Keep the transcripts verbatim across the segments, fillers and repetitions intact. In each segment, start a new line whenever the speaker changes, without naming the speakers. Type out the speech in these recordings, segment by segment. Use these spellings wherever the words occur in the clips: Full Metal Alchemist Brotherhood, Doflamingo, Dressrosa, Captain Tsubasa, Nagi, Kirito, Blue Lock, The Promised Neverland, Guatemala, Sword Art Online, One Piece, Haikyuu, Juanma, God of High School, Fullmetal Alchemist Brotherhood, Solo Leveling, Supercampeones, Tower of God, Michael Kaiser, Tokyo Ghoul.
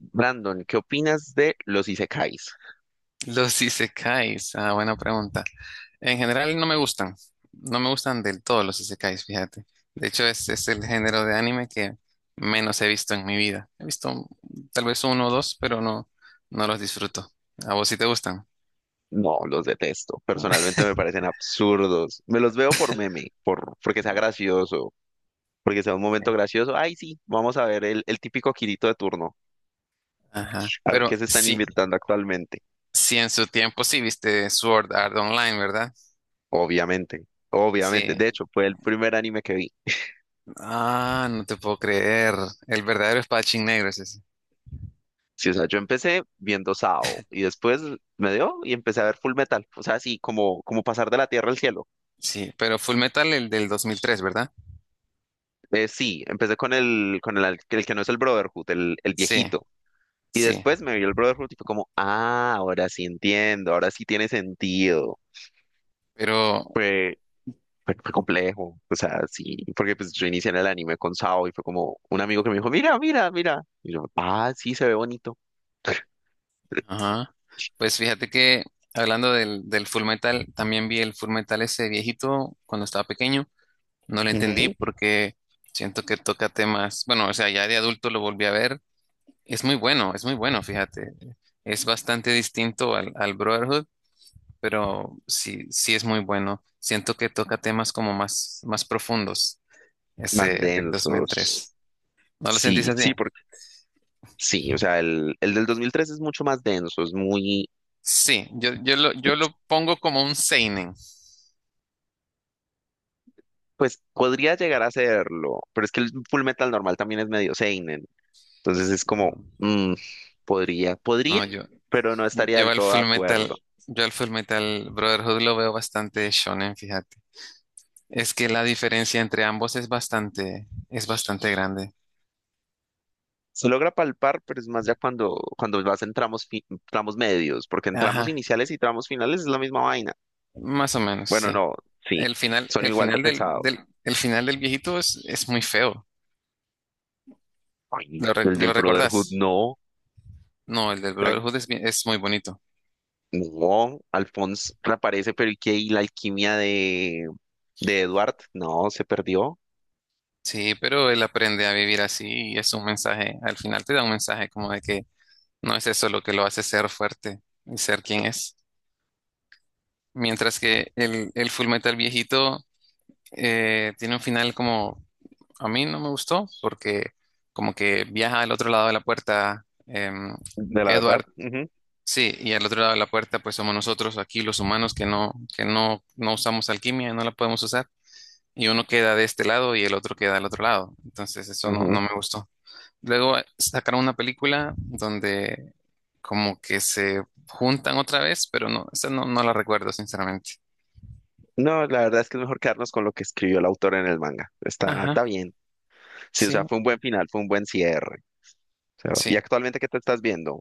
Brandon, ¿qué opinas de los isekais?
Los isekais, ah, buena pregunta. En general no me gustan, no me gustan del todo los isekais, fíjate. De hecho, es, es el género de anime que menos he visto en mi vida. He visto tal vez uno o dos, pero no, no los disfruto. ¿A vos sí te gustan?
No, los detesto. Personalmente me parecen absurdos. Me los veo por meme, por, porque sea gracioso, porque sea un
Sí.
momento gracioso. Ay, sí, vamos a ver el, el típico Kirito de turno,
Ajá.
a ver
Pero
qué se están
sí,
inventando actualmente.
sí en su tiempo sí viste Sword Art Online, ¿verdad?
Obviamente, obviamente.
Sí.
De hecho, fue el primer anime que vi.
Ah, no te puedo creer. El verdadero espadachín negro es ese.
Sí, o sea, yo empecé viendo Sao y después me dio y empecé a ver Full Metal. O sea, sí, como, como pasar de la tierra al cielo.
Sí, pero Full Metal el del dos mil tres, ¿verdad?
Eh, sí, empecé con el, con el, el que no es el Brotherhood, el, el
Sí,
viejito. Y
sí.
después me vio el Brotherhood y fue como, ah, ahora sí entiendo, ahora sí tiene sentido.
Pero,
Fue, fue, fue complejo, o sea, sí, porque pues yo inicié en el anime con Sao y fue como un amigo que me dijo, mira, mira, mira. Y yo, ah, sí, se ve bonito.
ajá. Pues fíjate que hablando del, del Full Metal, también vi el Full Metal ese viejito cuando estaba pequeño. No lo entendí
Ujú.
porque siento que toca temas. Bueno, o sea, ya de adulto lo volví a ver. Es muy bueno, es muy bueno, fíjate. Es bastante distinto al, al Brotherhood, pero sí, sí es muy bueno. Siento que toca temas como más, más profundos,
Más
ese del
densos.
dos mil tres. ¿No lo
Sí,
sentís así?
sí, porque sí, o sea, el, el del dos mil tres es mucho más denso, es muy,
Sí, yo, yo lo, yo lo pongo como un seinen.
pues podría llegar a serlo, pero es que el Full Metal normal también es medio seinen. Entonces es como,
Mm,
mm, podría, podría,
No, yo,
pero no estaría
Yo
del
al
todo de
Full Metal,
acuerdo.
yo al Full Metal Brotherhood lo veo bastante shonen, fíjate. Es que la diferencia entre ambos es bastante, es bastante grande.
Se logra palpar, pero es más ya cuando, cuando vas en tramos, fi- tramos medios, porque en tramos
Ajá,
iniciales y tramos finales es la misma vaina.
más o menos,
Bueno,
sí.
no, sí,
El final,
son
el
igual de
final del,
pesados.
del, el final del viejito es, es muy feo.
Ay,
¿Lo, re-
el del
lo
Brotherhood,
recordás?
no.
No, el del
Ay,
Brotherhood es, bien- es muy bonito.
no, Alphonse reaparece, pero ¿y qué? ¿Y la alquimia de, de Edward? No, se perdió,
Sí, pero él aprende a vivir así y es un mensaje, al final te da un mensaje como de que no es eso lo que lo hace ser fuerte y ser quien es. Mientras que el, el Full Metal viejito eh, tiene un final como a mí no me gustó porque como que viaja al otro lado de la puerta em,
de la verdad.
Edward,
Ujú,
sí, y al otro lado de la puerta pues somos nosotros aquí los humanos que no que no no usamos alquimia, no la podemos usar y uno queda de este lado y el otro queda del otro lado. Entonces eso no no
ujú.
me gustó. Luego eh, sacaron una película donde como que se juntan otra vez, pero no, esa no, no la recuerdo sinceramente.
No, la verdad es que es mejor quedarnos con lo que escribió el autor en el manga. Está, está
Ajá,
bien. Sí, o sea,
sí,
fue un buen final, fue un buen cierre. O sea, ¿y
sí.
actualmente qué te estás viendo?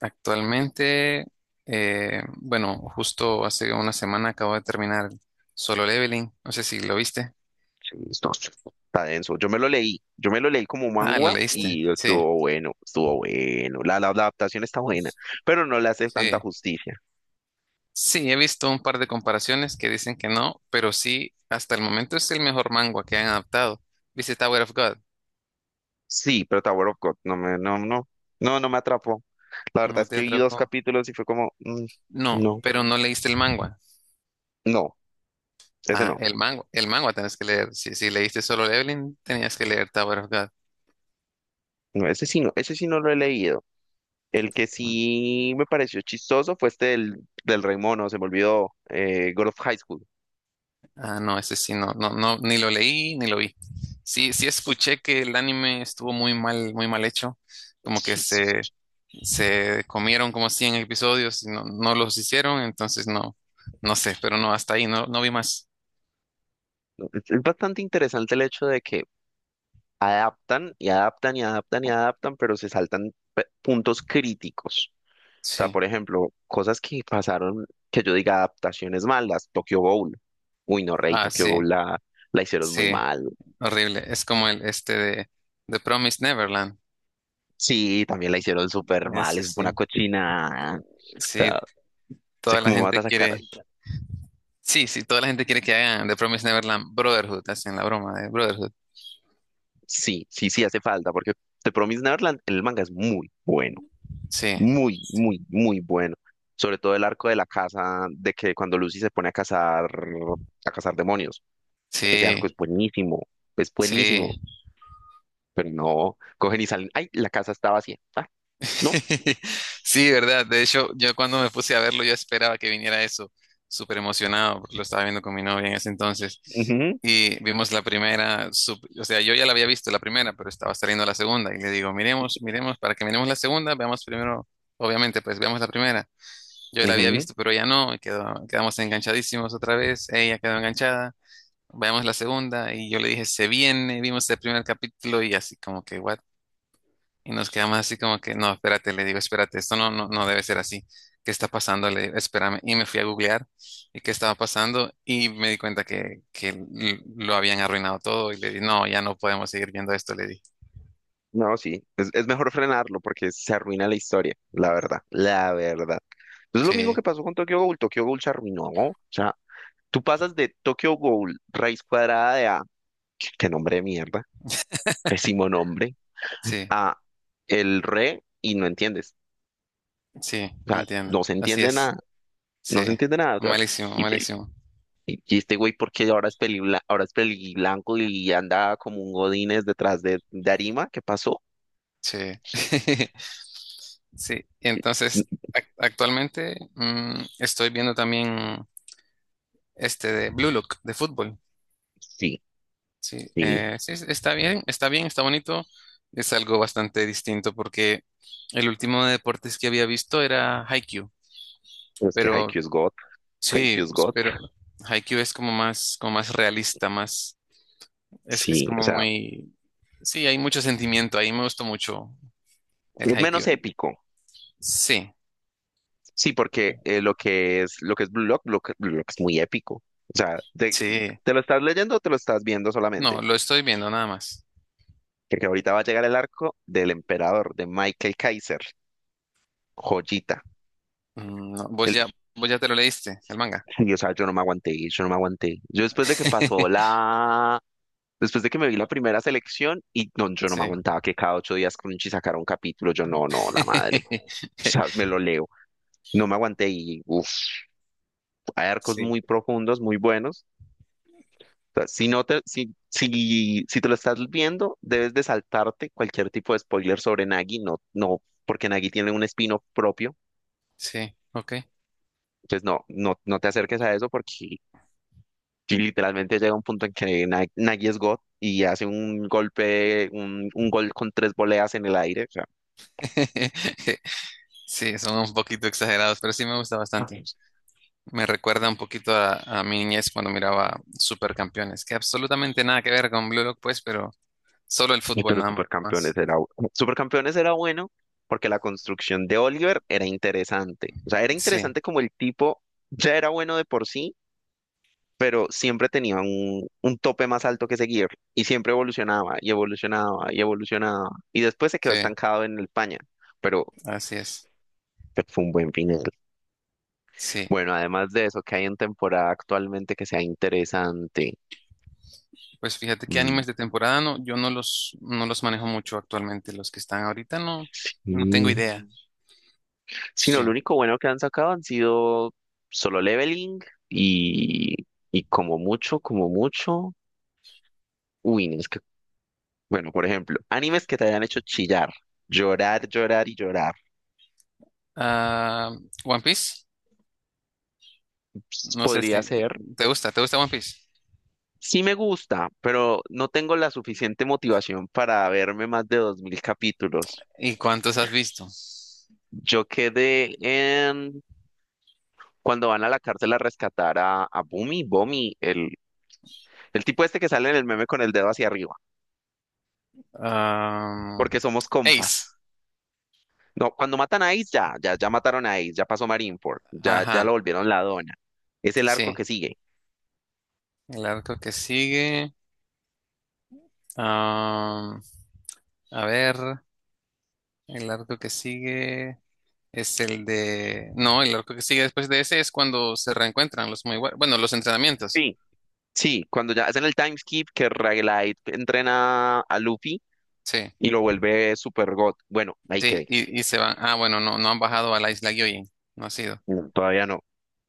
Actualmente, eh, bueno, justo hace una semana acabo de terminar Solo Leveling. No sé si lo viste.
Sí, no, está denso. Yo me lo leí, yo me lo leí como
Ah, lo Sí.
mangua
leíste.
y
Sí,
estuvo bueno, estuvo bueno. La, la, la adaptación está buena, pero no le hace tanta
sí.
justicia.
Sí, he visto un par de comparaciones que dicen que no, pero sí, hasta el momento es el mejor manga que han adaptado. ¿Viste Tower of God?
Sí, pero Tower of God no me, no, no, no, no me atrapó. La verdad
No
es
te
que vi dos
atrapó.
capítulos y fue como, mm,
No,
no,
pero no leíste el manga.
no, ese
Ah,
no,
el manga, el manga tenés que leer. Si, si leíste Solo Leveling, tenías que leer Tower of God.
no, ese sí no, ese sí no lo he leído. El que sí me pareció chistoso fue este del, del Rey Mono, se me olvidó, eh, God of High School.
Ah, no, ese sí, no, no, no, ni lo leí ni lo vi. Sí, sí escuché que el anime estuvo muy mal, muy mal hecho, como que se, se comieron como cien episodios y no, no los hicieron, entonces no, no sé, pero no, hasta ahí, no, no vi más.
Es es bastante interesante el hecho de que adaptan y adaptan y adaptan y adaptan, pero se saltan pe- puntos críticos. O sea,
Sí,
por ejemplo, cosas que pasaron, que yo diga adaptaciones malas, Tokyo Ghoul. Uy, no, Rey,
ah,
Tokyo
sí,
Ghoul la, la hicieron muy
sí,
mal.
horrible. Es como el este de The Promised Neverland,
Sí, también la hicieron súper mal,
ese
es una
sí,
cochina. O
sí,
sea, sé
toda la
cómo vas
gente
a sacar.
quiere, sí, sí, toda la gente quiere que hagan The Promised Neverland Brotherhood, hacen la broma de Brotherhood,
Sí, sí, sí, hace falta, porque The Promised Neverland en el manga es muy bueno.
sí,
Muy, muy, muy bueno. Sobre todo el arco de la casa, de que cuando Lucy se pone a cazar, a cazar demonios. Ese
sí,
arco es buenísimo, es buenísimo.
sí.
Pero no, cogen y salen. ¡Ay! La casa está vacía. Ah, no.
Sí, verdad. De hecho, yo cuando me puse a verlo, yo esperaba que viniera eso, súper emocionado, porque lo estaba viendo con mi novia en ese entonces.
Ujú,
Y vimos la primera, sup- o sea, yo ya la había visto la primera, pero estaba saliendo la segunda. Y le digo, miremos, miremos, para que miremos la segunda, veamos primero, obviamente, pues veamos la primera. Yo la había
ujú.
visto, pero ella no, y quedó- quedamos enganchadísimos otra vez. Ella quedó enganchada. Veamos la segunda, y yo le dije, se viene. Vimos el primer capítulo, y así como que, what, y nos quedamos así como que, no, espérate, le digo, espérate, esto no, no, no debe ser así. ¿Qué está pasando? Le digo, espérame. Y me fui a googlear y qué estaba pasando y me di cuenta que, que l- lo habían arruinado todo y le di, no, ya no podemos seguir viendo esto, le di.
No, sí. Es, es mejor frenarlo porque se arruina la historia, la verdad, la verdad. Es lo mismo que
Sí,
pasó con Tokyo Ghoul. Tokyo Ghoul se arruinó. O sea, tú pasas de Tokyo Ghoul, raíz cuadrada de A. Qué qué nombre de mierda. Pésimo nombre.
sí,
A el re y no entiendes.
sí,
O sea,
entiendo.
no se
Así
entiende
es.
nada,
Sí,
no se entiende nada. O sea,
malísimo,
y,
malísimo.
y- y este güey, porque ahora es peli, ahora es peli blanco y anda como un Godínez detrás de, de Arima? ¿Qué pasó?
Sí. Sí, y entonces
Mm.
ac- actualmente mm, estoy viendo también este de Blue Look de fútbol.
Sí,
Sí,
sí.
eh, sí, es- está bien, está bien, está bonito. Es algo bastante distinto porque el último de deportes que había visto era Haikyuu,
Es que
pero
Haikyuu es God,
sí,
Haikyuu es
pues,
God.
pero Haikyuu es como más, como más realista, más, es, es
Sí, o
como
sea,
muy, sí, hay mucho sentimiento, ahí me gustó mucho el
es menos
Haikyuu.
épico.
Sí,
Sí, porque eh, lo que es lo que es Blue Lock, Blue Lock, Blue Lock es muy épico. O sea, te,
sí,
te lo estás leyendo o te lo estás viendo
no,
solamente.
lo estoy viendo nada más.
Porque ahorita va a llegar el arco del emperador, de Michael Kaiser. Joyita.
Mm, no, vos ya,
El-
vos ya te lo leíste, el manga.
y, o sea, yo no me aguanté, yo no me aguanté. Yo después de que pasó la. Después de que me vi la primera selección y no, yo no me
Sí.
aguantaba que cada ocho días Crunchy sacara un capítulo. Yo no, no, la madre. O sea, me lo leo. No me aguanté y uff, hay arcos
Sí,
muy profundos, muy buenos. O sea, si no te, si, si, si te lo estás viendo, debes de saltarte cualquier tipo de spoiler sobre Nagi. No, no, porque Nagi tiene un espino propio.
sí, ok.
Entonces, no, no, no te acerques a eso porque sí, literalmente llega un punto en que Na- Nagy es God y hace un golpe, un, un gol con tres voleas en el aire. O sea.
Sí, son un poquito exagerados, pero sí me gusta bastante.
Ay,
Me recuerda un poquito a, a mi niñez cuando miraba Supercampeones, que absolutamente nada que ver con Blue Lock, pues, pero solo el fútbol
pero
nada
Supercampeones
más.
era, bu- Supercampeones era bueno porque la construcción de Oliver era interesante. O sea, era
Sí,
interesante como el tipo ya era bueno de por sí, pero siempre tenía un, un tope más alto que seguir y siempre evolucionaba y evolucionaba y evolucionaba. Y después se quedó
sí,
estancado en España, pero,
así es.
pero fue un buen final.
Sí.
Bueno, además de eso, ¿que hay en temporada actualmente que sea interesante?
Pues fíjate que
Mm,
animes de temporada no, yo no los, no los manejo mucho actualmente. Los que están ahorita no, no tengo
mm.
idea.
Sí, no, lo
Sí.
único bueno que han sacado han sido solo leveling y, y como mucho, como mucho. Uy, no, es que, bueno, por ejemplo, animes que te hayan hecho chillar, llorar, llorar y llorar.
Ah, One Piece,
Ps,
no sé
podría
si
ser.
te gusta, ¿te gusta One Piece?
Sí me gusta, pero no tengo la suficiente motivación para verme más de dos mil capítulos.
¿Y cuántos has visto?
Yo quedé en cuando van a la cárcel a rescatar a, a Bumi, Bomi, el, el tipo este que sale en el meme con el dedo hacia arriba,
Ah,
porque somos
Ace,
compas. No, cuando matan a Ace, ya, ya, ya mataron a Ace, ya pasó Marineford, ya, ya lo
ajá.
volvieron la dona. Es el arco
Sí,
que sigue.
el arco que sigue. Ah, a ver, el arco que sigue es el de... No, el arco que sigue después de ese es cuando se reencuentran los muy buenos. Bueno, los entrenamientos.
Sí. Sí, cuando ya hacen el time skip que Ragelight entrena a Luffy
Sí,
y lo vuelve Super God. Bueno, ahí
sí,
quedé.
y, y se van. Ah, bueno, no, no han bajado a la isla Gyojin. No ha sido.
No, todavía no.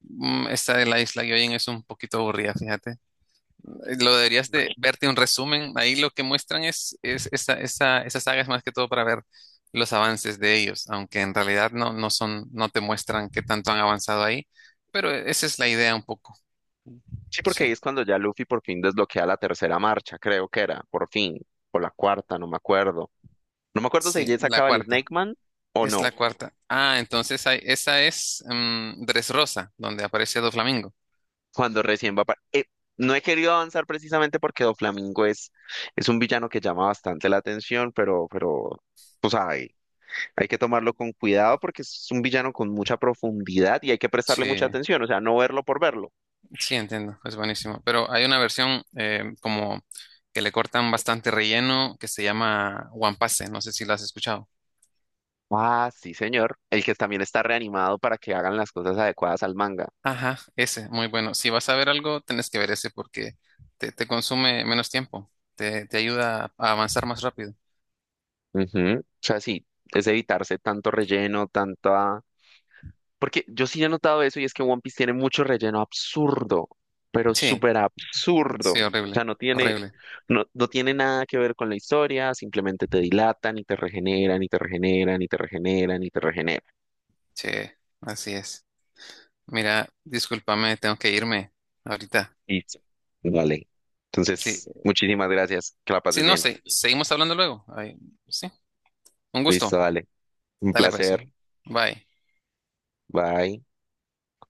Mm, Esta de la isla Gyojin es un poquito aburrida, fíjate. Lo deberías de verte un resumen. Ahí lo que muestran es, es esa, esa, esa saga es más que todo para ver los avances de ellos, aunque en realidad no, no son, no te muestran qué tanto han avanzado ahí, pero esa es la idea un poco.
Sí, porque ahí
Sí,
es cuando ya Luffy por fin desbloquea la tercera marcha, creo que era, por fin, o la cuarta, no me acuerdo. No me acuerdo si
sí,
ella
la
sacaba el
cuarta.
Snake Man o
Es la
no,
cuarta. Ah, entonces hay- esa es mm, Dressrosa, donde aparece Doflamingo.
cuando recién va para. No he querido avanzar precisamente porque Doflamingo es, es un villano que llama bastante la atención, pero, pero, pues hay, hay que tomarlo con cuidado porque es un villano con mucha profundidad y hay que prestarle
Sí,
mucha atención, o sea, no verlo por verlo.
sí, entiendo, es buenísimo. Pero hay una versión eh, como que le cortan bastante relleno que se llama One Piece, no sé si la has escuchado.
Ah, sí, señor. El que también está reanimado para que hagan las cosas adecuadas al manga.
Ajá, ese, muy bueno. Si vas a ver algo, tenés que ver ese porque te, te consume menos tiempo, te, te ayuda a avanzar más rápido.
Ujú. O sea, sí, es evitarse tanto relleno, tanta. Porque yo sí he notado eso y es que One Piece tiene mucho relleno absurdo, pero
Sí,
súper absurdo.
sí,
O
horrible,
sea, no tiene,
horrible.
no, no tiene nada que ver con la historia, simplemente te dilatan y te regeneran y te regeneran y te regeneran y te regeneran.
Sí, así es. Mira, discúlpame, tengo que irme ahorita.
Listo. Vale.
Sí,
Entonces, muchísimas gracias. Que la
sí,
pases
no
bien.
sé, seguimos hablando luego. Ay, sí, un gusto.
Listo, dale. Un
Dale pues.
placer.
Bye.
Bye.